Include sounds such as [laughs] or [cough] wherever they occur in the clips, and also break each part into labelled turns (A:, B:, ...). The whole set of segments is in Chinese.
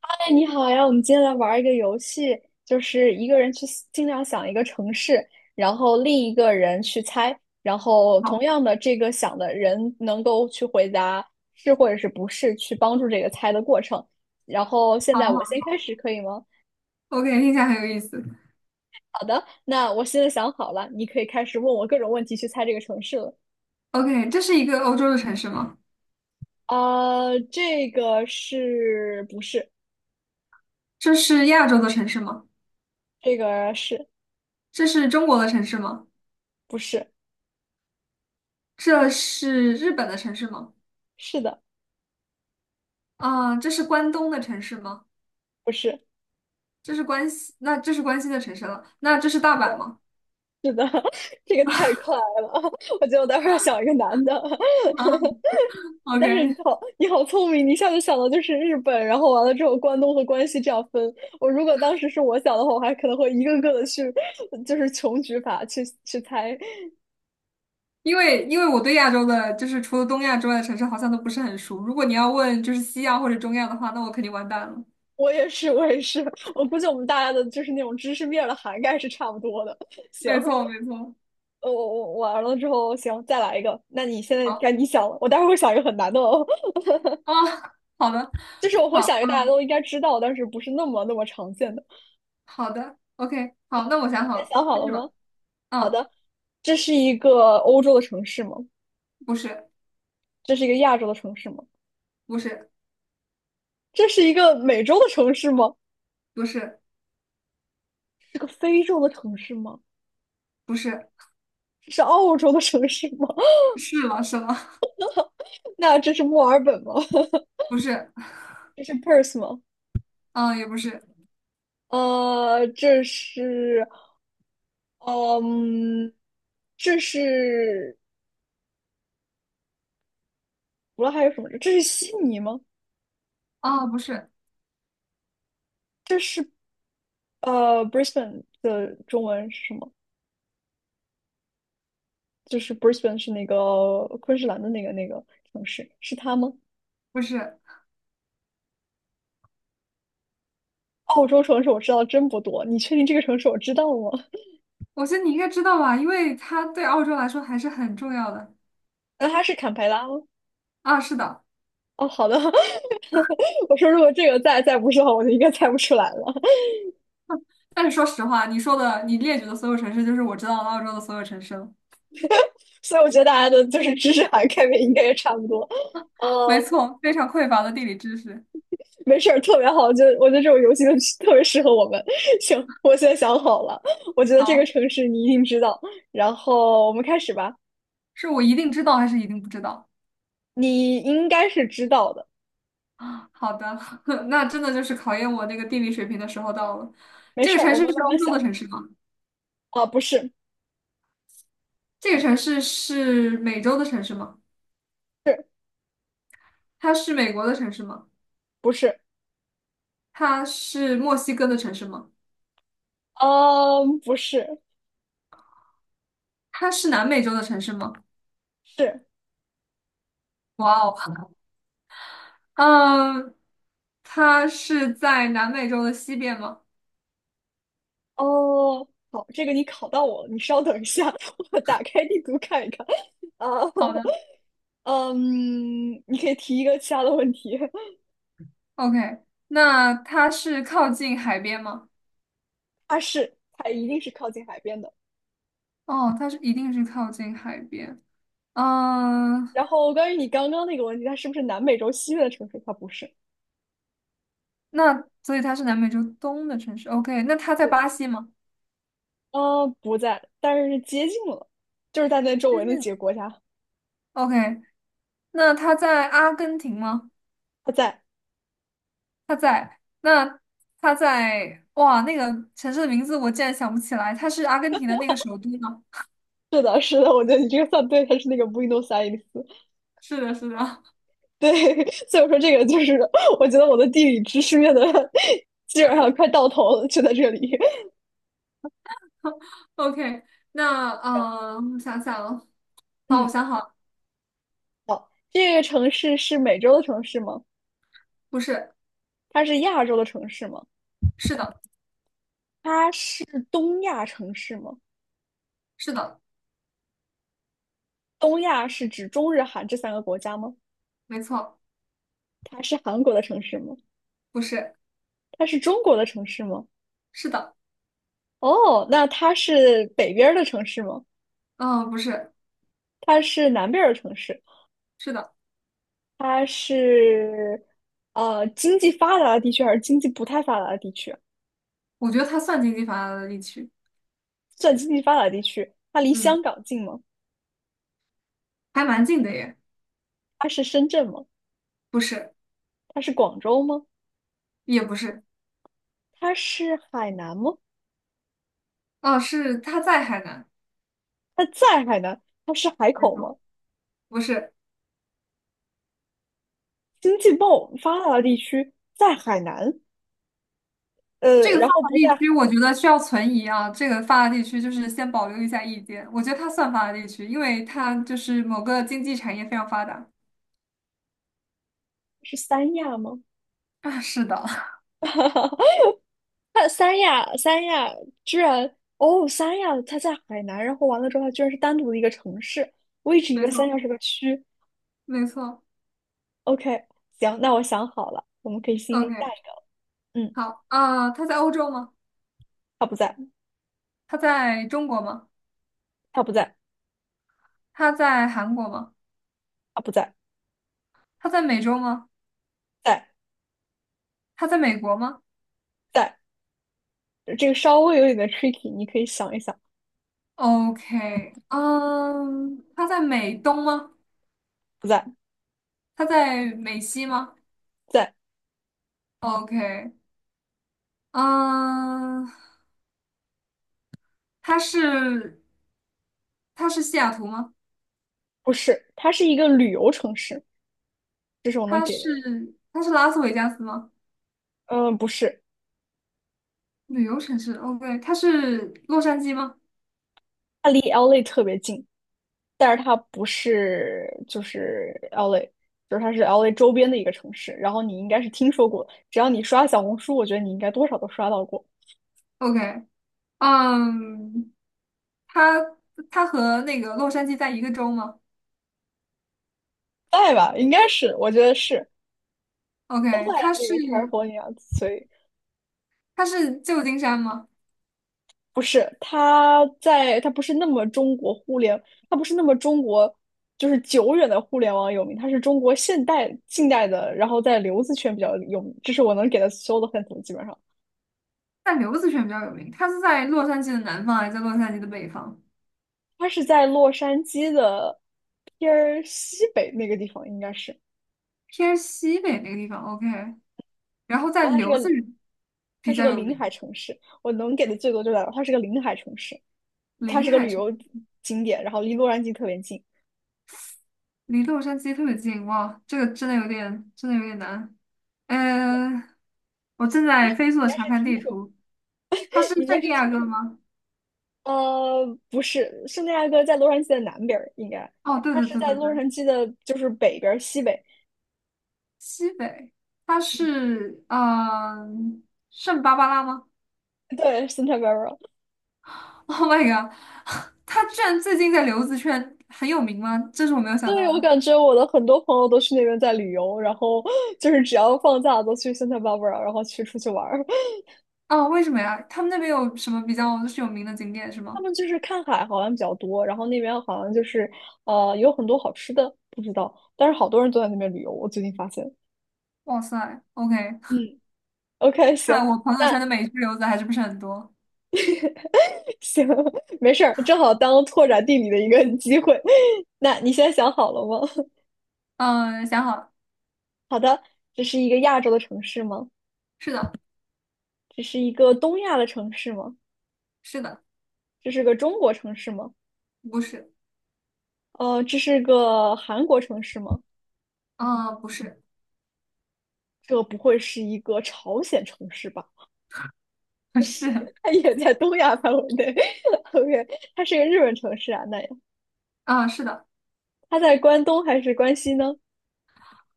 A: 哎，你好呀！我们今天来玩一个游戏，就是一个人去尽量想一个城市，然后另一个人去猜，然后
B: 好，
A: 同样的这个想的人能够去回答是或者是不是，去帮助这个猜的过程。然后现
B: 好，
A: 在我先
B: 好
A: 开始，可以吗？
B: ，OK，听起来很有意思。
A: 好的，那我现在想好了，你可以开始问我各种问题去猜这个城市了。
B: OK，这是一个欧洲的城市吗？
A: 啊，这个是不是？
B: 这是亚洲的城市吗？
A: 这个是
B: 这是中国的城市吗？
A: 不是？
B: 这是日本的城市吗？
A: 是的。
B: 这是关东的城市吗？
A: 不是。
B: 这是关西，那这是关西的城市了。那这是大阪吗？
A: [laughs] 是的，[laughs] 这个太快了，[laughs] 我觉得我待会儿要想一个男的。[laughs]
B: [laughs] 啊？OK，
A: 但是你好，你好聪明，你一下就想到就是日本，然后完了之后关东和关西这样分。我如果当时是我想的话，我还可能会一个个的去，就是穷举法去猜。
B: 因为我对亚洲的，就是除了东亚之外的城市，好像都不是很熟。如果你要问就是西亚或者中亚的话，那我肯定完蛋了。
A: 我也是，我也是，我估计我们大家的就是那种知识面儿的涵盖是差不多的。行，
B: 没错，没错。
A: 我完了之后，行，再来一个。那你现在
B: 好，
A: 该你想了，我待会儿会想一个很难的哦，
B: 哦，好的，
A: [laughs] 就是我会
B: 好，
A: 想一个大家都应该知道，但是不是那么那么常见的。
B: 好的，OK，好，那我想好
A: 先
B: 了，
A: 想好
B: 开
A: 了
B: 始吧。
A: 吗？好
B: 嗯，
A: 的，这是一个欧洲的城市吗？
B: 不是，
A: 这是一个亚洲的城市吗？
B: 不是，
A: 这是一个美洲的城市吗？
B: 不是，
A: 是个非洲的城市吗？
B: 不是，
A: 这是澳洲的城市吗？
B: 是了，是了，
A: [laughs] 那这是墨尔本吗？[laughs]
B: [laughs] 不是，
A: 这是 Perth 吗？
B: 嗯，也不是，
A: 这是，嗯，这是，除了还有什么？这是悉尼吗？
B: 啊，不是，
A: 这是Brisbane 的中文是什么？就是 Brisbane 是那个昆士兰的那个城市，是它吗？
B: 不是，
A: 澳洲城市我知道真不多，你确定这个城市我知道吗？
B: 我觉得你应该知道吧，因为它对澳洲来说还是很重要的。
A: [laughs] 那它是坎培拉吗？
B: 啊，是的，
A: 哦，好的。[laughs] 我说如果这个再不是的话，我就应该猜不出来了。[laughs]
B: 但是说实话，你说的，你列举的所有城市，就是我知道的澳洲的所有城市了。
A: 所以我觉得大家的就是知识涵盖面应该也差不多。
B: 没
A: 呃，
B: 错，非常匮乏的地理知识。
A: 没事儿，特别好。就我觉得这种游戏就 [laughs] 特别适合我们。[laughs] 行，我现在想好了，我觉得这个
B: 好，
A: 城市你一定知道。然后我们开始吧，
B: 是我一定知道还是一定不知道？
A: 你应该是知道的。
B: 好的，[laughs] 那真的就是考验我那个地理水平的时候到了。
A: 没
B: 这
A: 事
B: 个
A: 儿，
B: 城
A: 我
B: 市
A: 们
B: 是
A: 慢
B: 欧
A: 慢
B: 洲的
A: 想。
B: 城市吗？
A: 啊，不是。
B: 这个城市是美洲的城市吗？
A: 是。
B: 它是美国的城市吗？
A: 不是？
B: 它是墨西哥的城市吗？
A: 嗯，不是。
B: 它是南美洲的城市吗？
A: 是。
B: 哇哦，嗯，它是在南美洲的西边吗？
A: 哦，好，这个你考到我了，你稍等一下，[laughs] 我打开地图看一看。啊，
B: 好的
A: [laughs] 嗯，你可以提一个其他的问题。
B: ，OK，那它是靠近海边吗？
A: [laughs] 它是，它一定是靠近海边的。
B: 哦，它是一定是靠近海边。嗯，
A: 然后关于你刚刚那个问题，它是不是南美洲西边的城市？它不是。
B: 那所以它是南美洲东的城市。OK，那它在
A: 对，
B: 巴西吗？
A: 啊，不在，但是接近了，就是在那
B: 接
A: 周围
B: 近
A: 那几
B: 了，
A: 个国家，
B: OK，那它在阿根廷吗？
A: 它在。
B: 他在那他在哇，那个城市的名字我竟然想不起来，它是阿根廷的那个首都吗？
A: 是的，是的，我觉得你这个算对，它是那个 Buenos Aires。
B: 是的，是的。
A: 对，[laughs] 所以我说这个就是，我觉得我的地理知识面的 [laughs] 基本上快到头了，就在这里。
B: [laughs] OK，那嗯，我想想哦，好，我
A: 嗯，
B: 想好了，
A: 好，这个城市是美洲的城市吗？
B: 不是，
A: 它是亚洲的城市吗？
B: 是的，
A: 它是东亚城市吗？
B: 是的，
A: 东亚是指中日韩这三个国家吗？
B: 没错，
A: 它是韩国的城市吗？
B: 不是，
A: 它是中国的城市吗？
B: 是的，
A: 哦，那它是北边儿的城市吗？
B: 嗯、不是，
A: 它是南边儿的城市？
B: 是的，
A: 它是经济发达的地区还是经济不太发达的地区？
B: 我觉得它算经济发达的地区，
A: 算经济发达地区，它离
B: 嗯，
A: 香港近吗？
B: 还蛮近的耶，
A: 它是深圳吗？
B: 不是，
A: 它是广州吗？
B: 也不是，
A: 它是海南吗？
B: 哦、是他在海南，
A: 它在海南，它是海
B: 没
A: 口
B: 错，
A: 吗？
B: 不是。
A: 经济贸发达的地区在海南，
B: 这个发
A: 然后
B: 达
A: 不在
B: 地区，我觉得需要存疑啊。这个发达地区就是先保留一下意见，我觉得它算发达地区，因为它就是某个经济产业非常发达。
A: 是三亚吗？
B: 啊，是的，
A: [laughs] 它三亚，三亚居然哦，三亚它在海南，然后完了之后它居然是单独的一个城市，我一
B: [laughs]
A: 直以
B: 没
A: 为
B: 错，
A: 三亚是个区。
B: 没错。
A: OK，行，那我想好了，我们可以进行下
B: OK，
A: 一个了。嗯，
B: 好，它在欧洲吗？
A: 它不在。
B: 它在中国吗？
A: 它不在。
B: 它在韩国吗？
A: 它不在。
B: 它在美洲吗？
A: 在。
B: 它在美国吗
A: 在，这个稍微有点的 tricky，你可以想一想。
B: ？OK，嗯，它在美东吗？
A: 不在。
B: 它在美西吗
A: 在。
B: ？OK，嗯，它是它是西雅图吗？
A: 不是，它是一个旅游城市。这是我能
B: 它
A: 给的。
B: 是它是拉斯维加斯吗？
A: 嗯，不是。
B: 旅游城市，OK，它是洛杉矶吗
A: 它离 LA 特别近，但是它不是就是 LA，就是它是 LA 周边的一个城市。然后你应该是听说过，只要你刷小红书，我觉得你应该多少都刷到过。
B: ？OK，嗯，它它和那个洛杉矶在一个州吗
A: 在吧，应该是，我觉得是都在
B: ？OK，它
A: 那个
B: 是
A: California，所以
B: 它是旧金山吗？
A: 不是它在，它不是那么中国互联，它不是那么中国。就是久远的互联网有名，它是中国现代近代的，然后在留子圈比较有名，这是我能给的所有的范畴，基本上。
B: 在刘子轩比较有名，它是在洛杉矶的南方还是在洛杉矶的北方？
A: 它是在洛杉矶的偏儿西北那个地方，应该是。
B: 偏西北那个地方，OK，然后
A: 然
B: 在
A: 后它是
B: 刘
A: 个
B: 子轩
A: 它
B: 比
A: 是
B: 较
A: 个
B: 有
A: 临
B: 名，
A: 海城市，我能给的最多就在它是个临海城市，它
B: 临
A: 是个
B: 海
A: 旅
B: 城
A: 游景点，然后离洛杉矶特别近。
B: 离洛杉矶特别近，哇，这个真的有点难，嗯。我正
A: 但
B: 在
A: 是你
B: 飞速
A: 应
B: 的
A: 该
B: 查
A: 是
B: 看
A: 听
B: 地
A: 说，
B: 图，他是
A: [laughs] 你应该
B: 圣地
A: 是
B: 亚
A: 听
B: 哥
A: 说过，
B: 吗？
A: 不是，圣地亚哥在洛杉矶的南边儿，应该
B: 哦，对
A: 它
B: 对
A: 是
B: 对
A: 在
B: 对对，
A: 洛杉矶的，就是北边儿西北。
B: 西北，他是圣巴巴拉吗
A: 对，Santa Barbara。
B: ？Oh my god，[laughs] 他居然最近在留子圈很有名吗？这是我没有想
A: 对，
B: 到
A: 我
B: 的。
A: 感觉我的很多朋友都去那边在旅游，然后就是只要放假都去 Santa Barbara，然后去出去玩儿。
B: 哦，为什么呀？他们那边有什么比较就是有名的景点是
A: 他
B: 吗？
A: 们就是看海好像比较多，然后那边好像就是有很多好吃的，不知道，但是好多人都在那边旅游，我最近发现。
B: 哇塞，OK，[laughs]
A: 嗯，OK，
B: 看
A: 行，
B: 来我朋友圈
A: 那
B: 的美剧留子还是不是很多。
A: [laughs] 行，没事儿，正好当拓展地理的一个 [laughs] 机会。[laughs] 那你现在想好了吗？
B: 嗯、想好了，
A: [laughs] 好的，这是一个亚洲的城市吗？
B: 是的，
A: 这是一个东亚的城市吗？
B: 是的，
A: 这是个中国城市吗？
B: 不是，
A: 这是个韩国城市吗？
B: 啊，不是，
A: 这不会是一个朝鲜城市吧？
B: [laughs] 不是，
A: 它也在东亚范围内。[laughs] OK，它是一个日本城市啊，那
B: 是的，
A: 它在关东还是关西呢？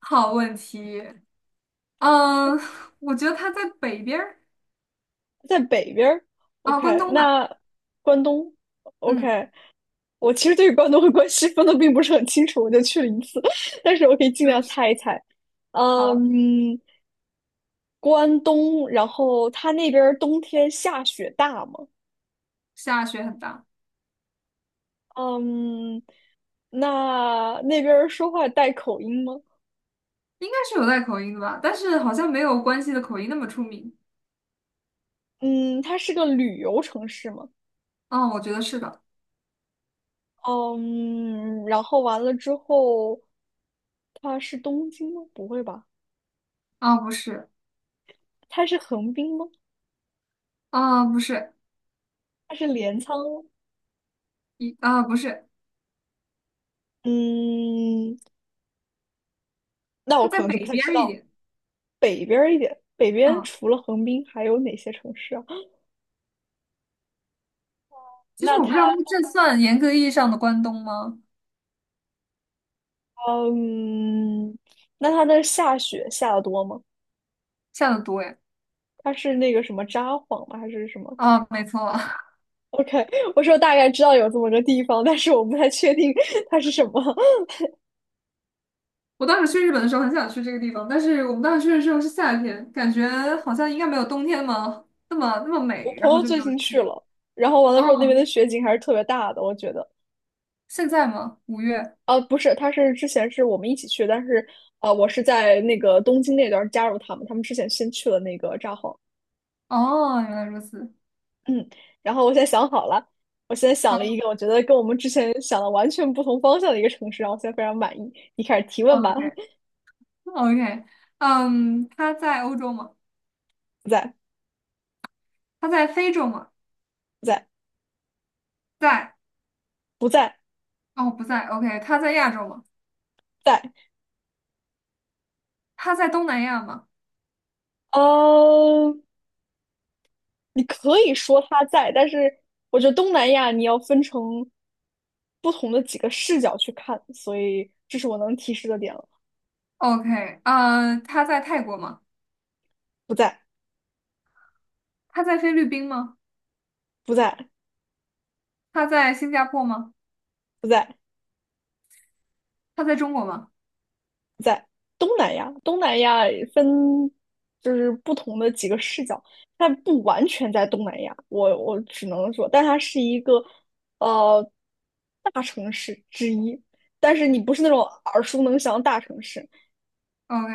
B: 好问题。嗯，我觉得它在北边儿
A: 在北边儿。
B: 关
A: OK，
B: 东吧。
A: 那关东。OK，
B: 嗯，
A: 我其实对关东和关西分的并不是很清楚，我就去了一次，[laughs] 但是我可以尽
B: 对，
A: 量
B: 是，
A: 猜一猜。
B: 好，
A: 嗯，关东，然后它那边儿冬天下雪大吗？
B: 下雪很大，
A: 嗯，那那边儿说话带口音吗？
B: 应该是有带口音的吧，但是好像没有关西的口音那么出名。
A: 嗯，它是个旅游城市吗？
B: 啊，我觉得是的。
A: 嗯，然后完了之后，它是东京吗？不会吧？
B: 啊，不是，
A: 它是横滨吗？
B: 啊，不是，
A: 它是镰仓吗
B: 不是，
A: 嗯，那我
B: 它在
A: 可能就不
B: 北
A: 太
B: 边
A: 知
B: 儿一
A: 道。
B: 点。
A: 北边儿一点，北边
B: 啊，
A: 除了横滨还有哪些城市啊？[laughs]
B: 其实
A: 那
B: 我不
A: 它，
B: 知道它这算严格意义上的关东吗？
A: 嗯，那它的下雪下的多吗？
B: 下的多呀。
A: 它是那个什么札幌吗？还是什么
B: 啊，没错。[laughs]
A: ？OK，我说大概知道有这么个地方，但是我不太确定它是什么。[laughs]
B: 我当时去日本的时候很想去这个地方，但是我们当时去的时候是夏天，感觉好像应该没有冬天嘛，那么
A: 我
B: 美，
A: 朋
B: 然后
A: 友
B: 就没
A: 最近
B: 有。
A: 去了，然后完了之后那边的
B: 哦
A: 雪景还是特别大的，我觉得。
B: 现在吗？五月？
A: 啊，不是，他是之前是我们一起去，但是啊，我是在那个东京那段加入他们，他们之前先去了那个札幌，
B: 哦，原来如此。
A: 嗯，然后我现在想好了，我现在想了一
B: 好
A: 个我觉得跟我们之前想的完全不同方向的一个城市，然后我现在非常满意。你开始提问吧，
B: ，OK，OK，嗯，他在欧洲吗？
A: [laughs] 不在。
B: 他在非洲吗？
A: 不在。
B: 在，
A: 不在。
B: 哦，不在。OK，他在亚洲吗？
A: 在。
B: 他在东南亚吗
A: 嗯，你可以说它在，但是我觉得东南亚你要分成不同的几个视角去看，所以这是我能提示的点了。
B: ？OK，他在泰国吗？
A: 不在。
B: 他在菲律宾吗？
A: 不在。
B: 他在新加坡吗？
A: 不在。
B: 他在中国吗
A: 东南亚，东南亚分就是不同的几个视角，它不完全在东南亚，我只能说，但它是一个呃大城市之一，但是你不是那种耳熟能详的大城市，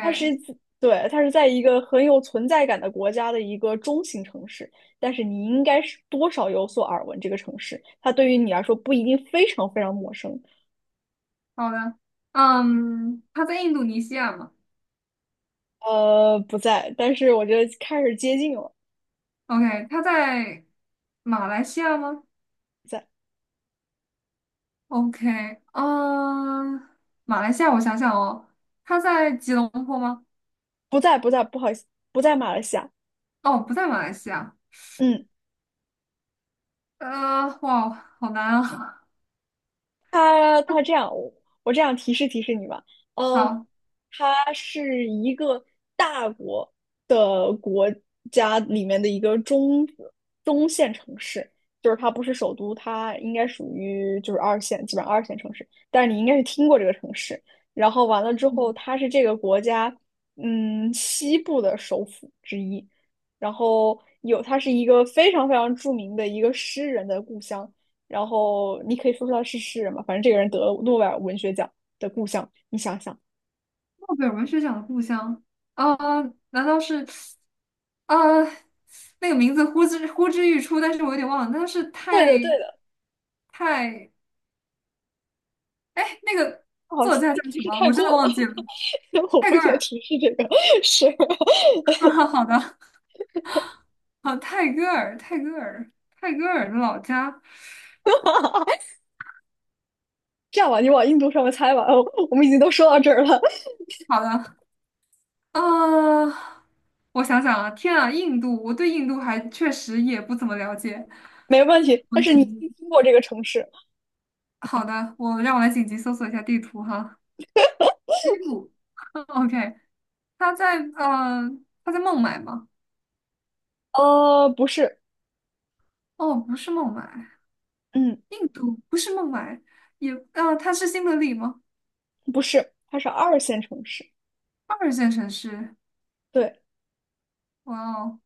A: 它是，它是在一个很有存在感的国家的一个中型城市，但是你应该是多少有所耳闻这个城市，它对于你来说不一定非常非常陌生。
B: 好的。嗯，他在印度尼西亚吗
A: 呃，不在，但是我觉得开始接近了，
B: ？OK，他在马来西亚吗？
A: 不在，
B: OK，嗯，马来西亚，我想想哦，他在吉隆坡吗？
A: 不在，不在，不好意思，不在马来西亚。
B: 哦，不在马来西亚。
A: 嗯。
B: 哇，好难啊。
A: 他他这样，我我这样提示你吧，
B: [laughs]
A: 嗯，
B: 好，
A: 他是一个大国的国家里面的一个中线城市，就是它不是首都，它应该属于就是二线，基本上二线城市，但是你应该是听过这个城市。然后完了之后，它是这个国家西部的首府之一，然后它是一个非常非常著名的一个诗人的故乡。然后你可以说出来是诗人嘛，反正这个人得了诺贝尔文学奖的故乡，你想想，
B: 诺贝尔文学奖的故乡，呃，难道是，呃，那个名字呼之欲出，但是我有点忘了，那是
A: 对的，对
B: 泰
A: 的，
B: 泰，哎，那个
A: 好
B: 作
A: 像
B: 家叫
A: 提
B: 什
A: 示
B: 么？
A: 太
B: 我真
A: 过
B: 的
A: 了，
B: 忘记了。
A: [laughs] 我
B: 泰
A: 不
B: 戈
A: 应该
B: 尔。
A: 提示这个，是
B: [laughs] 好的，好，泰戈尔，泰戈尔的老家。
A: [laughs] 这样吧，你往印度上面猜吧，哦，我们已经都说到这儿了。
B: 好的。啊，我想想啊，天啊，印度，我对印度还确实也不怎么了解。
A: 没问题。
B: 我
A: 但是你
B: 紧急，
A: 一经过这个城市，
B: 好的，我让我来紧急搜索一下地图哈。印度嗯，OK，他在呃，他在孟买吗？
A: 呃，不是，
B: 哦，不是孟买，
A: 嗯，
B: 印度不是孟买，他是新德里吗？
A: 不是，它是二线城市，
B: 二线城市，
A: 对。
B: 哇哦，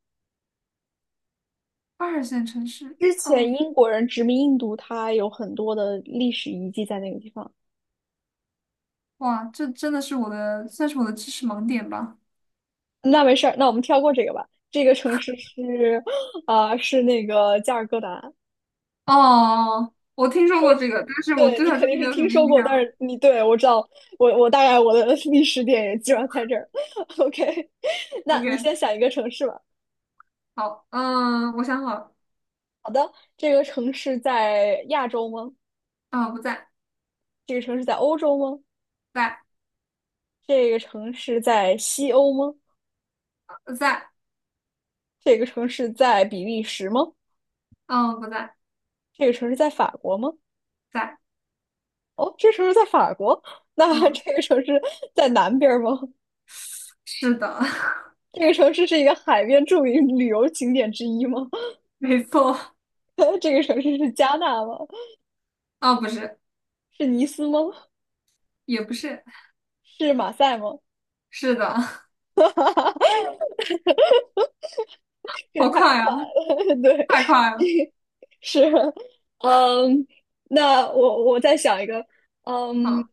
B: 二线城市，
A: 之
B: 哦，
A: 前英国人殖民印度，它有很多的历史遗迹在那个地方。
B: 哇，这真的是我的，算是我的知识盲点吧。
A: 那没事儿，那我们跳过这个吧。这个城市是，[sucks teeth] 啊、是那个加尔各答。
B: 哦，我听说过这个，但是我
A: 对，
B: 对
A: 你
B: 他
A: 肯
B: 真的
A: 定是
B: 没有什
A: 听
B: 么
A: 说
B: 印
A: 过，但
B: 象。
A: 是你对我知道，我大概我的历史点也基本上在这儿。[laughs] OK，[laughs] 那你
B: OK。
A: 先想一个城市吧。
B: 好，嗯，我想好了，
A: 好的，这个城市在亚洲吗？
B: 不在，
A: 这个城市在欧洲吗？
B: 在，
A: 这个城市在西欧吗？
B: 在，
A: 这个城市在比利时吗？
B: 嗯，不在，
A: 这个城市在法国吗？
B: 在，
A: 哦，这城市在法国，[laughs] 那
B: 嗯，
A: 这个城市在南边儿吗？
B: 是的，[laughs]
A: 这个城市是一个海边著名旅游景点之一吗？
B: 没错，
A: [laughs] 这个城市是加纳吗？
B: 不是，
A: 是尼斯吗？
B: 也不是，
A: 是马赛吗？
B: 是的，
A: 这
B: 好
A: 太
B: 快
A: 快
B: 呀，
A: 了，[laughs] 对，
B: 太快了，
A: [laughs] 是，嗯，那我再想一个，嗯，
B: 好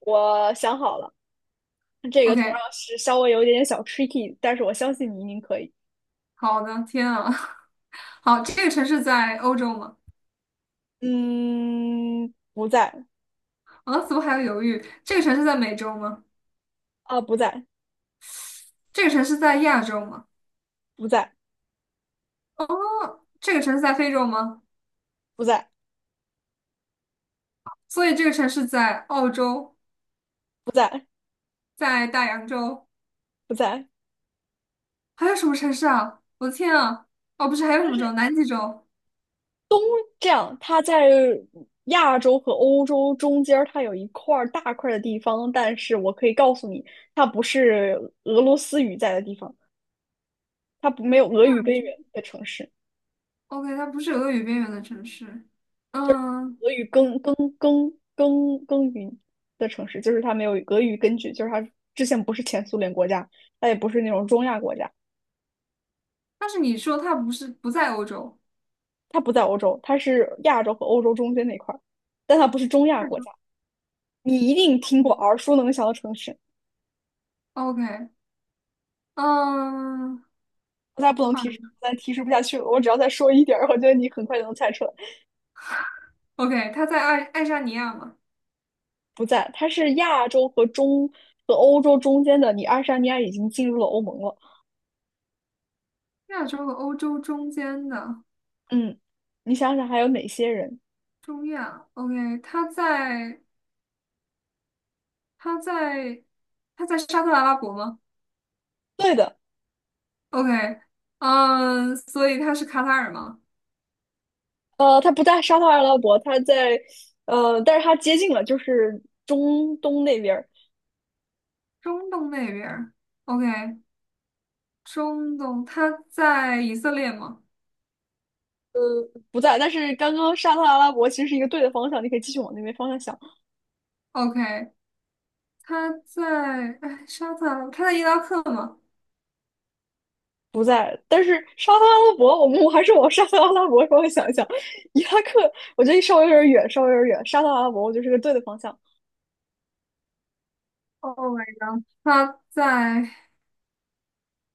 A: 我想好了，这个同
B: ，OK，
A: 样是稍微有一点点小 tricky，但是我相信你一定可以。
B: 好的，天啊，[laughs] 好，这个城市在欧洲吗？
A: 嗯，不在
B: 啊，怎么还要犹豫？这个城市在美洲吗？
A: 啊，不在，
B: 这个城市在亚洲吗？
A: 不在，
B: 这个城市在非洲吗？
A: 不在，
B: 所以这个城市在澳洲，
A: 不在，
B: 在大洋洲，
A: 不在。
B: 还有什么城市啊？我的天啊！哦，不是，还有什
A: 但
B: 么州？
A: 是
B: 南极洲。
A: 这样，它在亚洲和欧洲中间儿，它有一块儿大块儿的地方，但是我可以告诉你，它不是俄罗斯语在的地方，它不没有俄语根源的城市，
B: OK，它不是俄语边缘的城市。嗯，
A: 俄语耕耕耕耕耕耘的城市，就是它没有俄语根据，就是它之前不是前苏联国家，它也不是那种中亚国家，
B: 但是你说它不是不在欧洲，
A: 它不在欧洲，它是亚洲和欧洲中间那块儿，但它不是中亚
B: 亚
A: 国
B: 洲
A: 家。你一定听过
B: 嗯
A: 耳熟能详的城市，
B: OK，嗯，
A: 再不能提示，
B: 二
A: 再提示不下去了。我只要再说一点儿，我觉得你很快就能猜出来。
B: OK，它在爱沙尼亚嘛，
A: 不在，它是亚洲和欧洲中间的。你爱沙尼亚已经进入了欧盟了。
B: 亚洲和欧洲中间的
A: 嗯，你想想还有哪些人？
B: 中亚。OK，它在它在沙特阿拉伯吗
A: 对的，
B: ？OK，嗯，所以它是卡塔尔吗？
A: 呃，它不在沙特阿拉伯，它在，但是它接近了，就是中东那边儿
B: 中东那边儿。OK，中东，它在以色列吗
A: 不在。但是刚刚沙特阿拉伯其实是一个对的方向，你可以继续往那边方向想。
B: ？OK，他在哎沙特，他在伊拉克吗？
A: 不在，但是沙特阿拉伯，我还是往沙特阿拉伯方向想一想。伊拉克，我觉得稍微有点远，稍微有点远。沙特阿拉伯，我觉得是个对的方向。
B: Oh my god！他在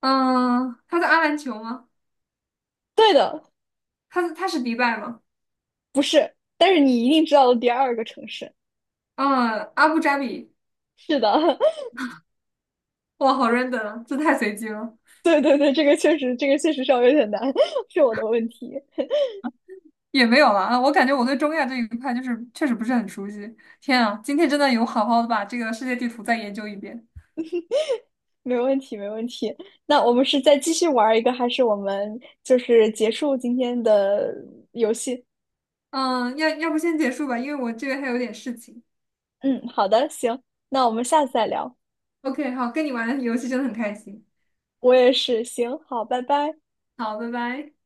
B: 嗯，他在阿联酋吗？
A: 对的，
B: 他是迪拜吗？
A: 不是，但是你一定知道的第二个城市。
B: 嗯，阿布扎比，
A: 是的，
B: 哇，好 random，啊这太随机了，
A: [laughs] 对对对，这个确实，这个确实稍微有点难，是我的问题。
B: 也没有了啊。我感觉我对中亚这一块就是确实不是很熟悉。天啊，今天真的有好好的把这个世界地图再研究一遍。
A: 没问题，没问题。那我们是再继续玩一个，还是我们就是结束今天的游戏？
B: 嗯，要不先结束吧，因为我这边还有点事情。
A: 嗯，好的，行，那我们下次再聊。
B: OK，好，跟你玩游戏真的很开心。
A: 我也是，行，好，拜拜。
B: 好，拜拜。